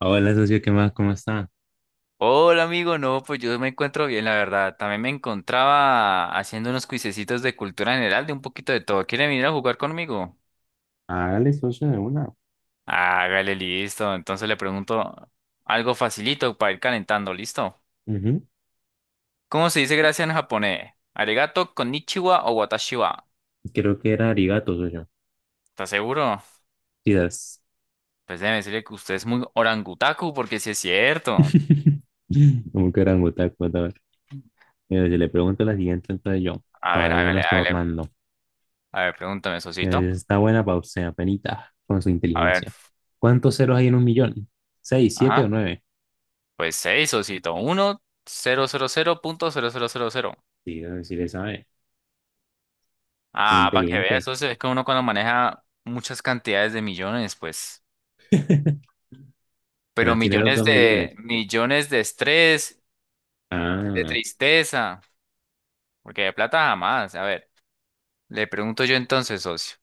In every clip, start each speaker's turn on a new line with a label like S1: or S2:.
S1: Hola, socio, ¿qué más? ¿Cómo está?
S2: Hola amigo, no, pues yo me encuentro bien, la verdad. También me encontraba haciendo unos cuisecitos de cultura general, de un poquito de todo. ¿Quiere venir a jugar conmigo?
S1: Hágale socio de una.
S2: Hágale, listo. Entonces le pregunto algo facilito para ir calentando, ¿listo?
S1: Ujú.
S2: ¿Cómo se dice gracias en japonés? ¿Arigato, konnichiwa o watashi wa?
S1: Creo que era arigato, socio.
S2: ¿Estás seguro?
S1: Quizás.
S2: Pues déjeme decirle que usted es muy orangutaku, porque sí es cierto.
S1: Como que eran otakus, Mira, si le pregunto la siguiente, entonces yo,
S2: A ver,
S1: para
S2: hágale,
S1: irnos
S2: hágale.
S1: tornando.
S2: A ver, pregúntame, Sosito.
S1: Está buena para usted, apenita, con su
S2: A ver,
S1: inteligencia. ¿Cuántos ceros hay en un millón? ¿Seis, siete o
S2: ajá.
S1: nueve?
S2: Pues seis, Sosito. Uno, cero, cero, cero punto cero, cero, cero, cero.
S1: Sí, si le sabe. Muy
S2: Ah, para que veas,
S1: inteligente.
S2: eso es que uno cuando maneja muchas cantidades de millones, pues, pero
S1: Apenas tiene los 2 millones.
S2: millones de estrés, de
S1: Ah,
S2: tristeza, porque de plata jamás. A ver, le pregunto yo entonces, socio,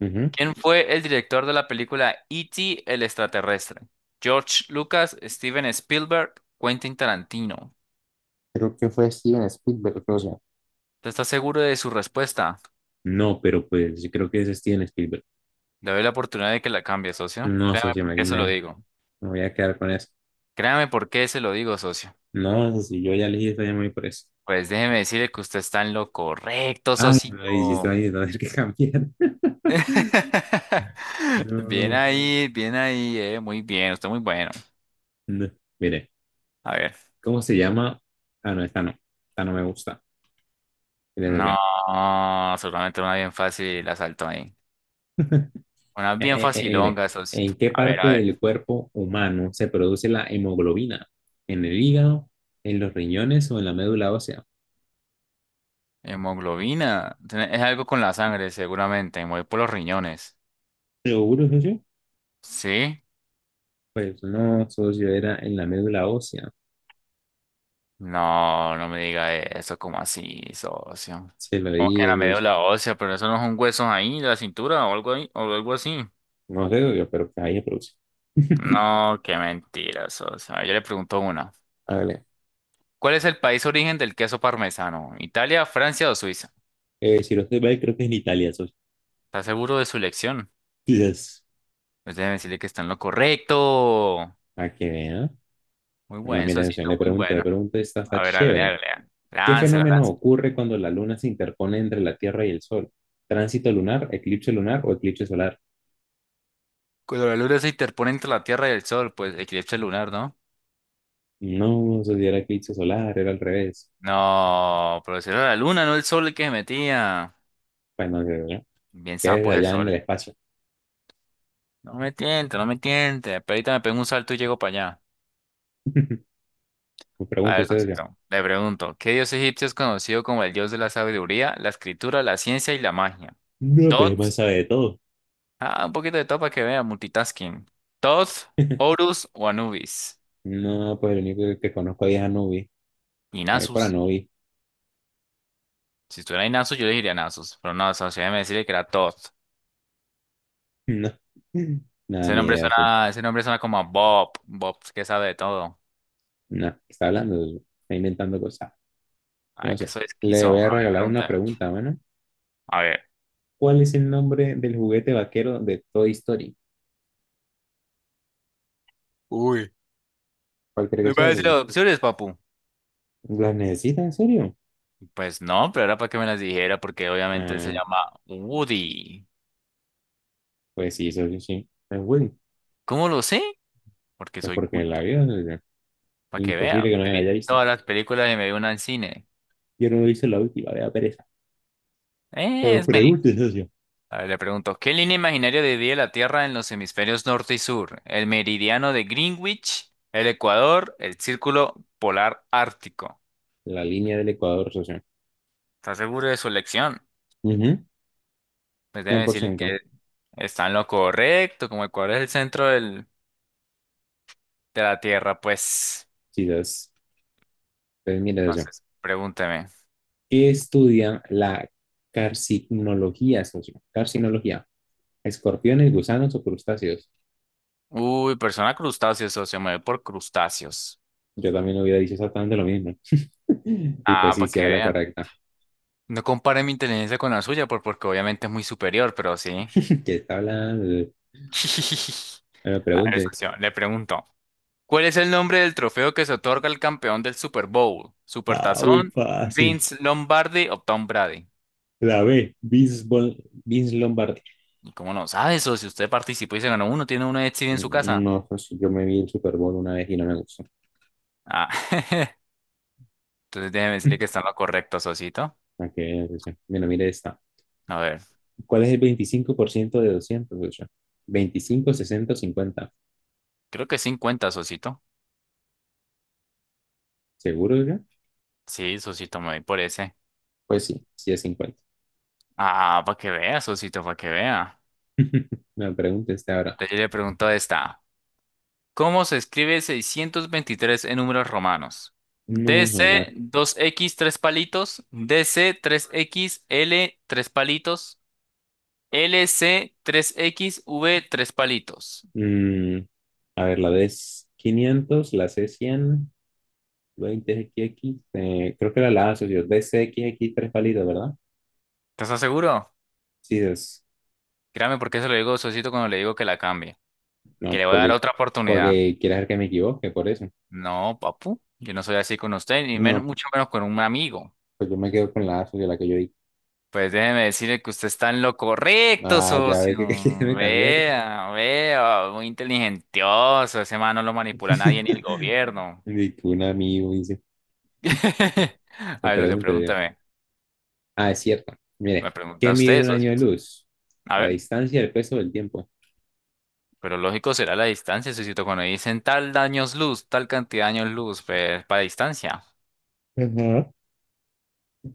S1: ujú.
S2: ¿quién fue el director de la película E.T. el extraterrestre? George Lucas, Steven Spielberg, Quentin Tarantino.
S1: Creo que fue Steven Spielberg, socio.
S2: ¿Te estás seguro de su respuesta?
S1: No, pero pues yo creo que es Steven Spielberg.
S2: Le doy la oportunidad de que la cambie, socio.
S1: No,
S2: Créame
S1: socio,
S2: por qué se lo digo.
S1: me voy a quedar con eso.
S2: Créame por qué se lo digo, socio.
S1: No, si yo ya elegí estoy muy me por eso.
S2: Pues déjeme decirle que usted está en lo correcto,
S1: Ay, no, y si
S2: socito.
S1: estoy ahí, no, hay que cambiar. No,
S2: Bien ahí, muy bien, usted muy bueno.
S1: no. Mire,
S2: A ver,
S1: ¿cómo se llama? Ah, no, esta no. Esta no me gusta. Mire,
S2: no,
S1: mire,
S2: seguramente una bien fácil la saltó ahí. Una bien
S1: mire,
S2: facilonga, socito.
S1: ¿en qué
S2: A ver,
S1: parte
S2: a ver.
S1: del cuerpo humano se produce la hemoglobina? ¿En el hígado, en los riñones o en la médula ósea?
S2: Hemoglobina, es algo con la sangre, seguramente, muy por los riñones.
S1: ¿Seguro, socio?
S2: ¿Sí?
S1: Pues no, socio, era en la médula ósea.
S2: No, no me diga eso, como así, socio?
S1: Se lo
S2: Como que en
S1: digo,
S2: la
S1: socio.
S2: médula ósea, pero eso no es un hueso ahí, de la cintura o algo ahí, o algo así.
S1: No sé, socio, pero ahí se produce.
S2: No, qué mentirosos. A ver, yo le pregunto una.
S1: Hágale.
S2: ¿Cuál es el país origen del queso parmesano? ¿Italia, Francia o Suiza?
S1: Si no estoy mal, creo que es en Italia, esos
S2: ¿Está seguro de su elección?
S1: días.
S2: Pues déjeme decirle que está en lo correcto.
S1: Para que vea.
S2: Muy
S1: Bueno,
S2: buen,
S1: mira, atención,
S2: socito, muy
S1: le
S2: bueno.
S1: pregunto, esta está
S2: A ver, hágale,
S1: chévere.
S2: hágale. Hágale.
S1: ¿Qué
S2: Láncela,
S1: fenómeno
S2: láncela.
S1: ocurre cuando la luna se interpone entre la Tierra y el Sol? ¿Tránsito lunar, eclipse lunar o eclipse solar?
S2: Cuando la luna se interpone entre la Tierra y el Sol, pues eclipse lunar, ¿no?
S1: No, eso sí era eclipse solar, era al revés.
S2: No, pero si era la luna, no el sol el que se metía.
S1: Bueno,
S2: Bien
S1: ¿qué es
S2: sapo es el
S1: allá en el
S2: sol.
S1: espacio?
S2: No me tiente, no me tiente. Pero ahorita me pego un salto y llego para allá.
S1: Me
S2: A
S1: pregunta
S2: ver,
S1: usted, ya.
S2: Sosito, le pregunto, ¿qué dios egipcio es conocido como el dios de la sabiduría, la escritura, la ciencia y la magia?
S1: No, pero es
S2: Tot,
S1: más sabe de todo.
S2: ah, un poquito de todo para que vea, multitasking. Tot, Horus o Anubis.
S1: No, pues el único que conozco ahí es Anubi.
S2: Y
S1: Voy por
S2: Nasus.
S1: Anubi.
S2: Si estuviera Nasus, yo le diría Nasus, pero no, socio, déjeme decirle que era Tot.
S1: No, nada, ni idea. Pues.
S2: Ese nombre suena como a Bob, Bob que sabe de todo.
S1: No, ¿qué está hablando? Está inventando cosas. Mira,
S2: Ah,
S1: o
S2: que
S1: sea,
S2: soy esquizo.
S1: le voy a
S2: A ver,
S1: regalar una
S2: pregunta.
S1: pregunta, mano.
S2: A ver.
S1: ¿Cuál es el nombre del juguete vaquero de Toy Story?
S2: Uy.
S1: ¿Cuál cree que
S2: ¿Le voy a
S1: sea,
S2: decir
S1: socio?
S2: las opciones, papu?
S1: ¿Las necesita en serio?
S2: Pues no, pero era para que me las dijera, porque obviamente él se
S1: Ah,
S2: llama Woody.
S1: pues sí, socio, sí. Es Woody.
S2: ¿Cómo lo sé? Porque
S1: Pues
S2: soy
S1: porque la
S2: culto.
S1: vida es
S2: Para que vea,
S1: imposible que no
S2: me
S1: la haya
S2: vi
S1: visto.
S2: todas las películas y me vi una en cine.
S1: Yo no lo hice la última, vea pereza. Pero
S2: Es me.
S1: pregunte, socio.
S2: A ver, le pregunto, ¿qué línea imaginaria divide la Tierra en los hemisferios norte y sur? ¿El meridiano de Greenwich, el Ecuador, el círculo polar ártico?
S1: La línea del Ecuador, socio.
S2: ¿Estás seguro de su elección?
S1: Ujú,
S2: Pues déjeme decirle que
S1: 100%.
S2: está en lo correcto, como Ecuador es el centro del- de la Tierra, pues.
S1: Sí, entonces, pues mire, socio.
S2: Entonces, pregúnteme.
S1: ¿Qué estudia la carcinología, socio? Carcinología. ¿Escorpiones, gusanos o crustáceos?
S2: Uy, persona crustáceo, socio, me voy por crustáceos.
S1: Yo también hubiera dicho exactamente lo mismo. Y pues
S2: Ah,
S1: sí,
S2: para
S1: sí
S2: que
S1: era la
S2: vea.
S1: correcta.
S2: No compare mi inteligencia con la suya, porque obviamente es muy superior, pero sí.
S1: ¿Que está hablando? Me lo
S2: A ver,
S1: pregunte.
S2: socio, le pregunto, ¿cuál es el nombre del trofeo que se otorga al campeón del Super Bowl?
S1: Ah, muy
S2: ¿Supertazón,
S1: fácil.
S2: Vince Lombardi o Tom Brady?
S1: La B, Vince, Vince Lombardi.
S2: ¿Y cómo no sabe eso? Si usted participó y se ganó uno, tiene uno de Etsy en su
S1: Mm.
S2: casa.
S1: No, pues, yo me vi el Super Bowl una vez y no me gustó.
S2: Ah, entonces déjeme decirle que está en lo correcto, Sosito.
S1: Ok, Lucha. Mira, mire esta.
S2: A ver,
S1: ¿Cuál es el 25% de 200, Lucha? 25, 60, 50.
S2: creo que 50, Sosito.
S1: ¿Seguro, Lucha?
S2: Sí, Sosito, me voy por ese.
S1: Pues sí, sí es 50.
S2: Ah, para que vea, Sosito, para que vea.
S1: Me pregunta esta ahora.
S2: Entonces yo le pregunto esta. ¿Cómo se escribe 623 en números romanos?
S1: No,
S2: DC
S1: mi madre.
S2: dos x 3 palitos, DC 3 x L 3 palitos, LC tres x V tres palitos.
S1: Mm, a ver, la D es 500, la C es 100 20XX, creo que era la asociación DCXX tres palitos, ¿verdad?
S2: ¿Estás seguro?
S1: Sí, es.
S2: Créame porque eso lo digo a Sosito cuando le digo que la cambie, que
S1: No,
S2: le voy a dar otra oportunidad.
S1: porque quieres ver que me equivoque, por eso.
S2: No, papu, yo no soy así con usted, ni menos,
S1: No,
S2: mucho menos con un amigo.
S1: pues yo me quedo con la asociación, la que yo di.
S2: Pues déjeme decirle que usted está en lo correcto,
S1: Ah, ya ve que, que quiere
S2: socio.
S1: me cambiar.
S2: Vea, vea, muy inteligentioso. Ese man no lo manipula nadie ni el gobierno.
S1: Y que un amigo dice,
S2: A
S1: me
S2: ver, socio,
S1: pregunta, digo,
S2: pregúntame.
S1: ah, es cierto.
S2: Me
S1: Mire, ¿qué
S2: pregunta
S1: mide
S2: usted,
S1: un año
S2: socio.
S1: de luz?
S2: A
S1: La
S2: ver,
S1: distancia, el peso, el tiempo.
S2: pero lógico será la distancia, socio. Cuando dicen tal años luz, tal cantidad de años luz, pues para distancia.
S1: Ajá.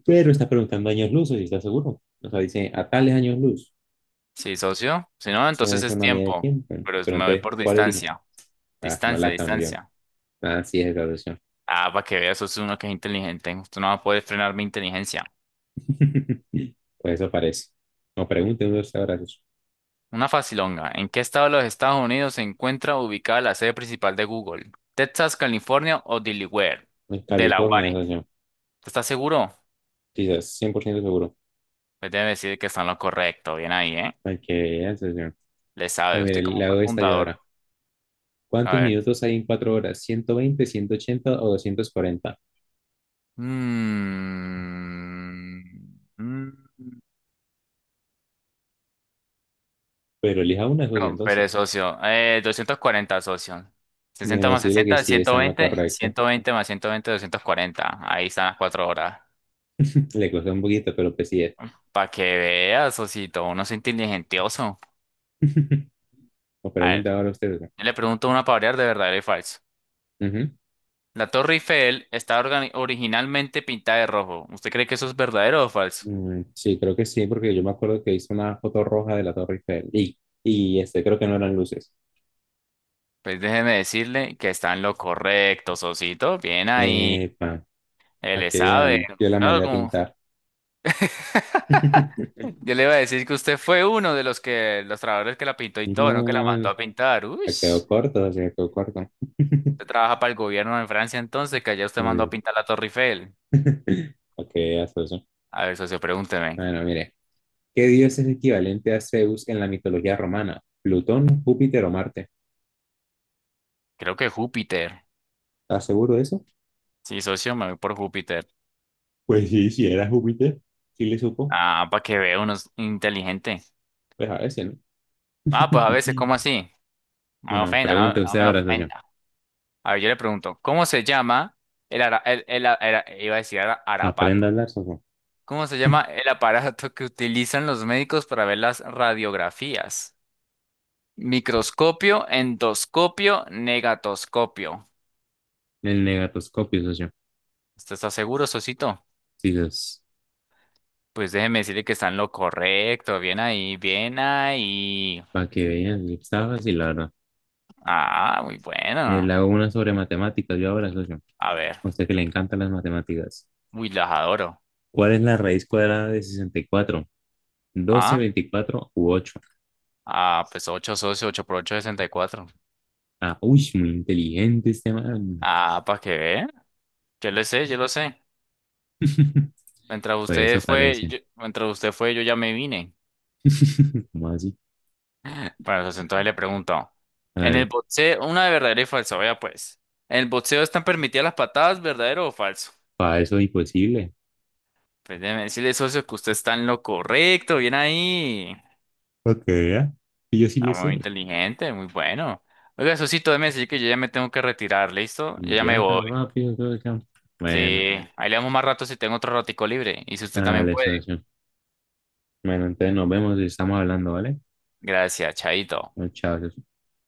S1: Pero está preguntando años luz, si está seguro. O sea, dice, a tales años luz.
S2: Sí, socio. Si no,
S1: Eso
S2: entonces
S1: es
S2: es
S1: una medida de
S2: tiempo.
S1: tiempo. Pero
S2: Me voy
S1: entonces,
S2: por
S1: ¿cuál elijo?
S2: distancia.
S1: Ah, no
S2: Distancia,
S1: la cambió.
S2: distancia.
S1: Así es, graduación.
S2: Ah, para que vea, socio, uno que es inteligente. Usted no va a poder frenar mi inteligencia.
S1: Pues eso parece. No pregunten dónde está graduación.
S2: Una facilonga. ¿En qué estado de los Estados Unidos se encuentra ubicada la sede principal de Google? ¿Texas, California o Delaware?
S1: En California,
S2: Delaware.
S1: socio.
S2: ¿Estás seguro?
S1: Quizás 100% seguro.
S2: Pues debe decir que está en lo correcto. Bien ahí, ¿eh?
S1: Para que vean, socio.
S2: Le
S1: Ah,
S2: sabe
S1: mire,
S2: usted como
S1: le
S2: fue
S1: hago esta yo
S2: fundador.
S1: ahora.
S2: A
S1: ¿Cuántos
S2: ver.
S1: minutos hay en 4 horas? 120, 180 o 240.
S2: Mm, mm,
S1: Pero elija una, socio,
S2: no,
S1: entonces.
S2: pero socio. 240 socio. 60
S1: Déjeme
S2: más
S1: decirle que
S2: 60,
S1: sí
S2: ciento
S1: está en lo
S2: veinte, y
S1: correcto.
S2: 120 más 120, 240. Ahí están las 4 horas.
S1: Le costó un poquito, pero pues sí es.
S2: Para que veas, socito. Uno es inteligentioso.
S1: O
S2: A
S1: pregunta
S2: ver,
S1: ahora usted, socio.
S2: le pregunto una para variar de verdadero y falso.
S1: Ujú.
S2: La Torre Eiffel está originalmente pintada de rojo. ¿Usted cree que eso es verdadero o falso?
S1: Mm, sí, creo que sí, porque yo me acuerdo que hice una foto roja de la Torre Eiffel. Y este, creo que no eran luces.
S2: Pues déjeme decirle que está en lo correcto, Sosito. Bien ahí.
S1: Epa.
S2: Él
S1: A
S2: le
S1: que
S2: sabe.
S1: vean, yo la
S2: Claro,
S1: mandé a
S2: como...
S1: pintar.
S2: Yo le iba a decir que usted fue uno de los que, los trabajadores que la pintó y todo, no que la mandó
S1: No,
S2: a pintar. Uy,
S1: se quedó
S2: usted
S1: corto, se quedó corto.
S2: trabaja para el gobierno en Francia entonces, que allá usted mandó a
S1: Eh,
S2: pintar la Torre Eiffel.
S1: Ok, hasta eso.
S2: A ver, socio, pregúnteme.
S1: Bueno, mire, ¿qué dios es equivalente a Zeus en la mitología romana? ¿Plutón, Júpiter o Marte?
S2: Creo que Júpiter.
S1: ¿Estás seguro de eso?
S2: Sí, socio, me voy por Júpiter.
S1: Pues sí, si era Júpiter. ¿Sí le supo?
S2: Ah, para que vea uno es inteligente.
S1: Pues a veces, ¿no?
S2: Ah, pues a veces, ¿cómo así? No me
S1: Bueno,
S2: ofenda, no,
S1: pregunte
S2: no
S1: usted
S2: me
S1: ahora, socio.
S2: ofenda. A ver, yo le pregunto, ¿cómo se llama el, el, iba a decir
S1: Aprenda a
S2: arapato?
S1: hablar, socio.
S2: ¿Cómo se llama el aparato que utilizan los médicos para ver las radiografías? Microscopio, endoscopio, negatoscopio.
S1: El negatoscopio, socio.
S2: ¿Usted está seguro, Sosito?
S1: Sí,
S2: Pues déjeme decirle que está en lo correcto. Bien ahí, bien ahí.
S1: para que vean, está fácil, la verdad.
S2: Ah, muy
S1: Le
S2: bueno.
S1: hago una sobre matemáticas yo ahora, socio.
S2: A ver,
S1: O sea que le encantan las matemáticas.
S2: muy las adoro.
S1: ¿Cuál es la raíz cuadrada de 64, 12,
S2: Ah,
S1: 24 u ocho?
S2: ah, pues 8 socios, 8 por ocho, 64.
S1: Ah, uy, muy inteligente este man.
S2: Ah, para que vean. Yo lo sé, yo lo sé.
S1: Pues eso parece.
S2: Mientras usted fue, yo ya me vine.
S1: ¿Cómo así?
S2: Bueno, pues entonces le pregunto.
S1: A
S2: En el
S1: ver,
S2: boxeo, una de verdadero y falso, vea pues. ¿En el boxeo están permitidas las patadas, verdadero o falso?
S1: para eso es imposible.
S2: Pues déjeme decirle, socio, que usted está en lo correcto, bien ahí.
S1: Ok, ya. Y yo sí le
S2: Está muy
S1: sé.
S2: inteligente, muy bueno. Oiga, socito, déjeme decir que yo ya me tengo que retirar, ¿listo? Yo
S1: Y
S2: ya me
S1: ya
S2: voy.
S1: tan rápido todo acá.
S2: Sí,
S1: Bueno,
S2: ahí le damos más rato si tengo otro ratico libre. Y si usted también
S1: dale,
S2: puede.
S1: socio. Bueno, entonces nos vemos y estamos hablando, ¿vale?
S2: Gracias, Chaito.
S1: Bueno, chao, socio.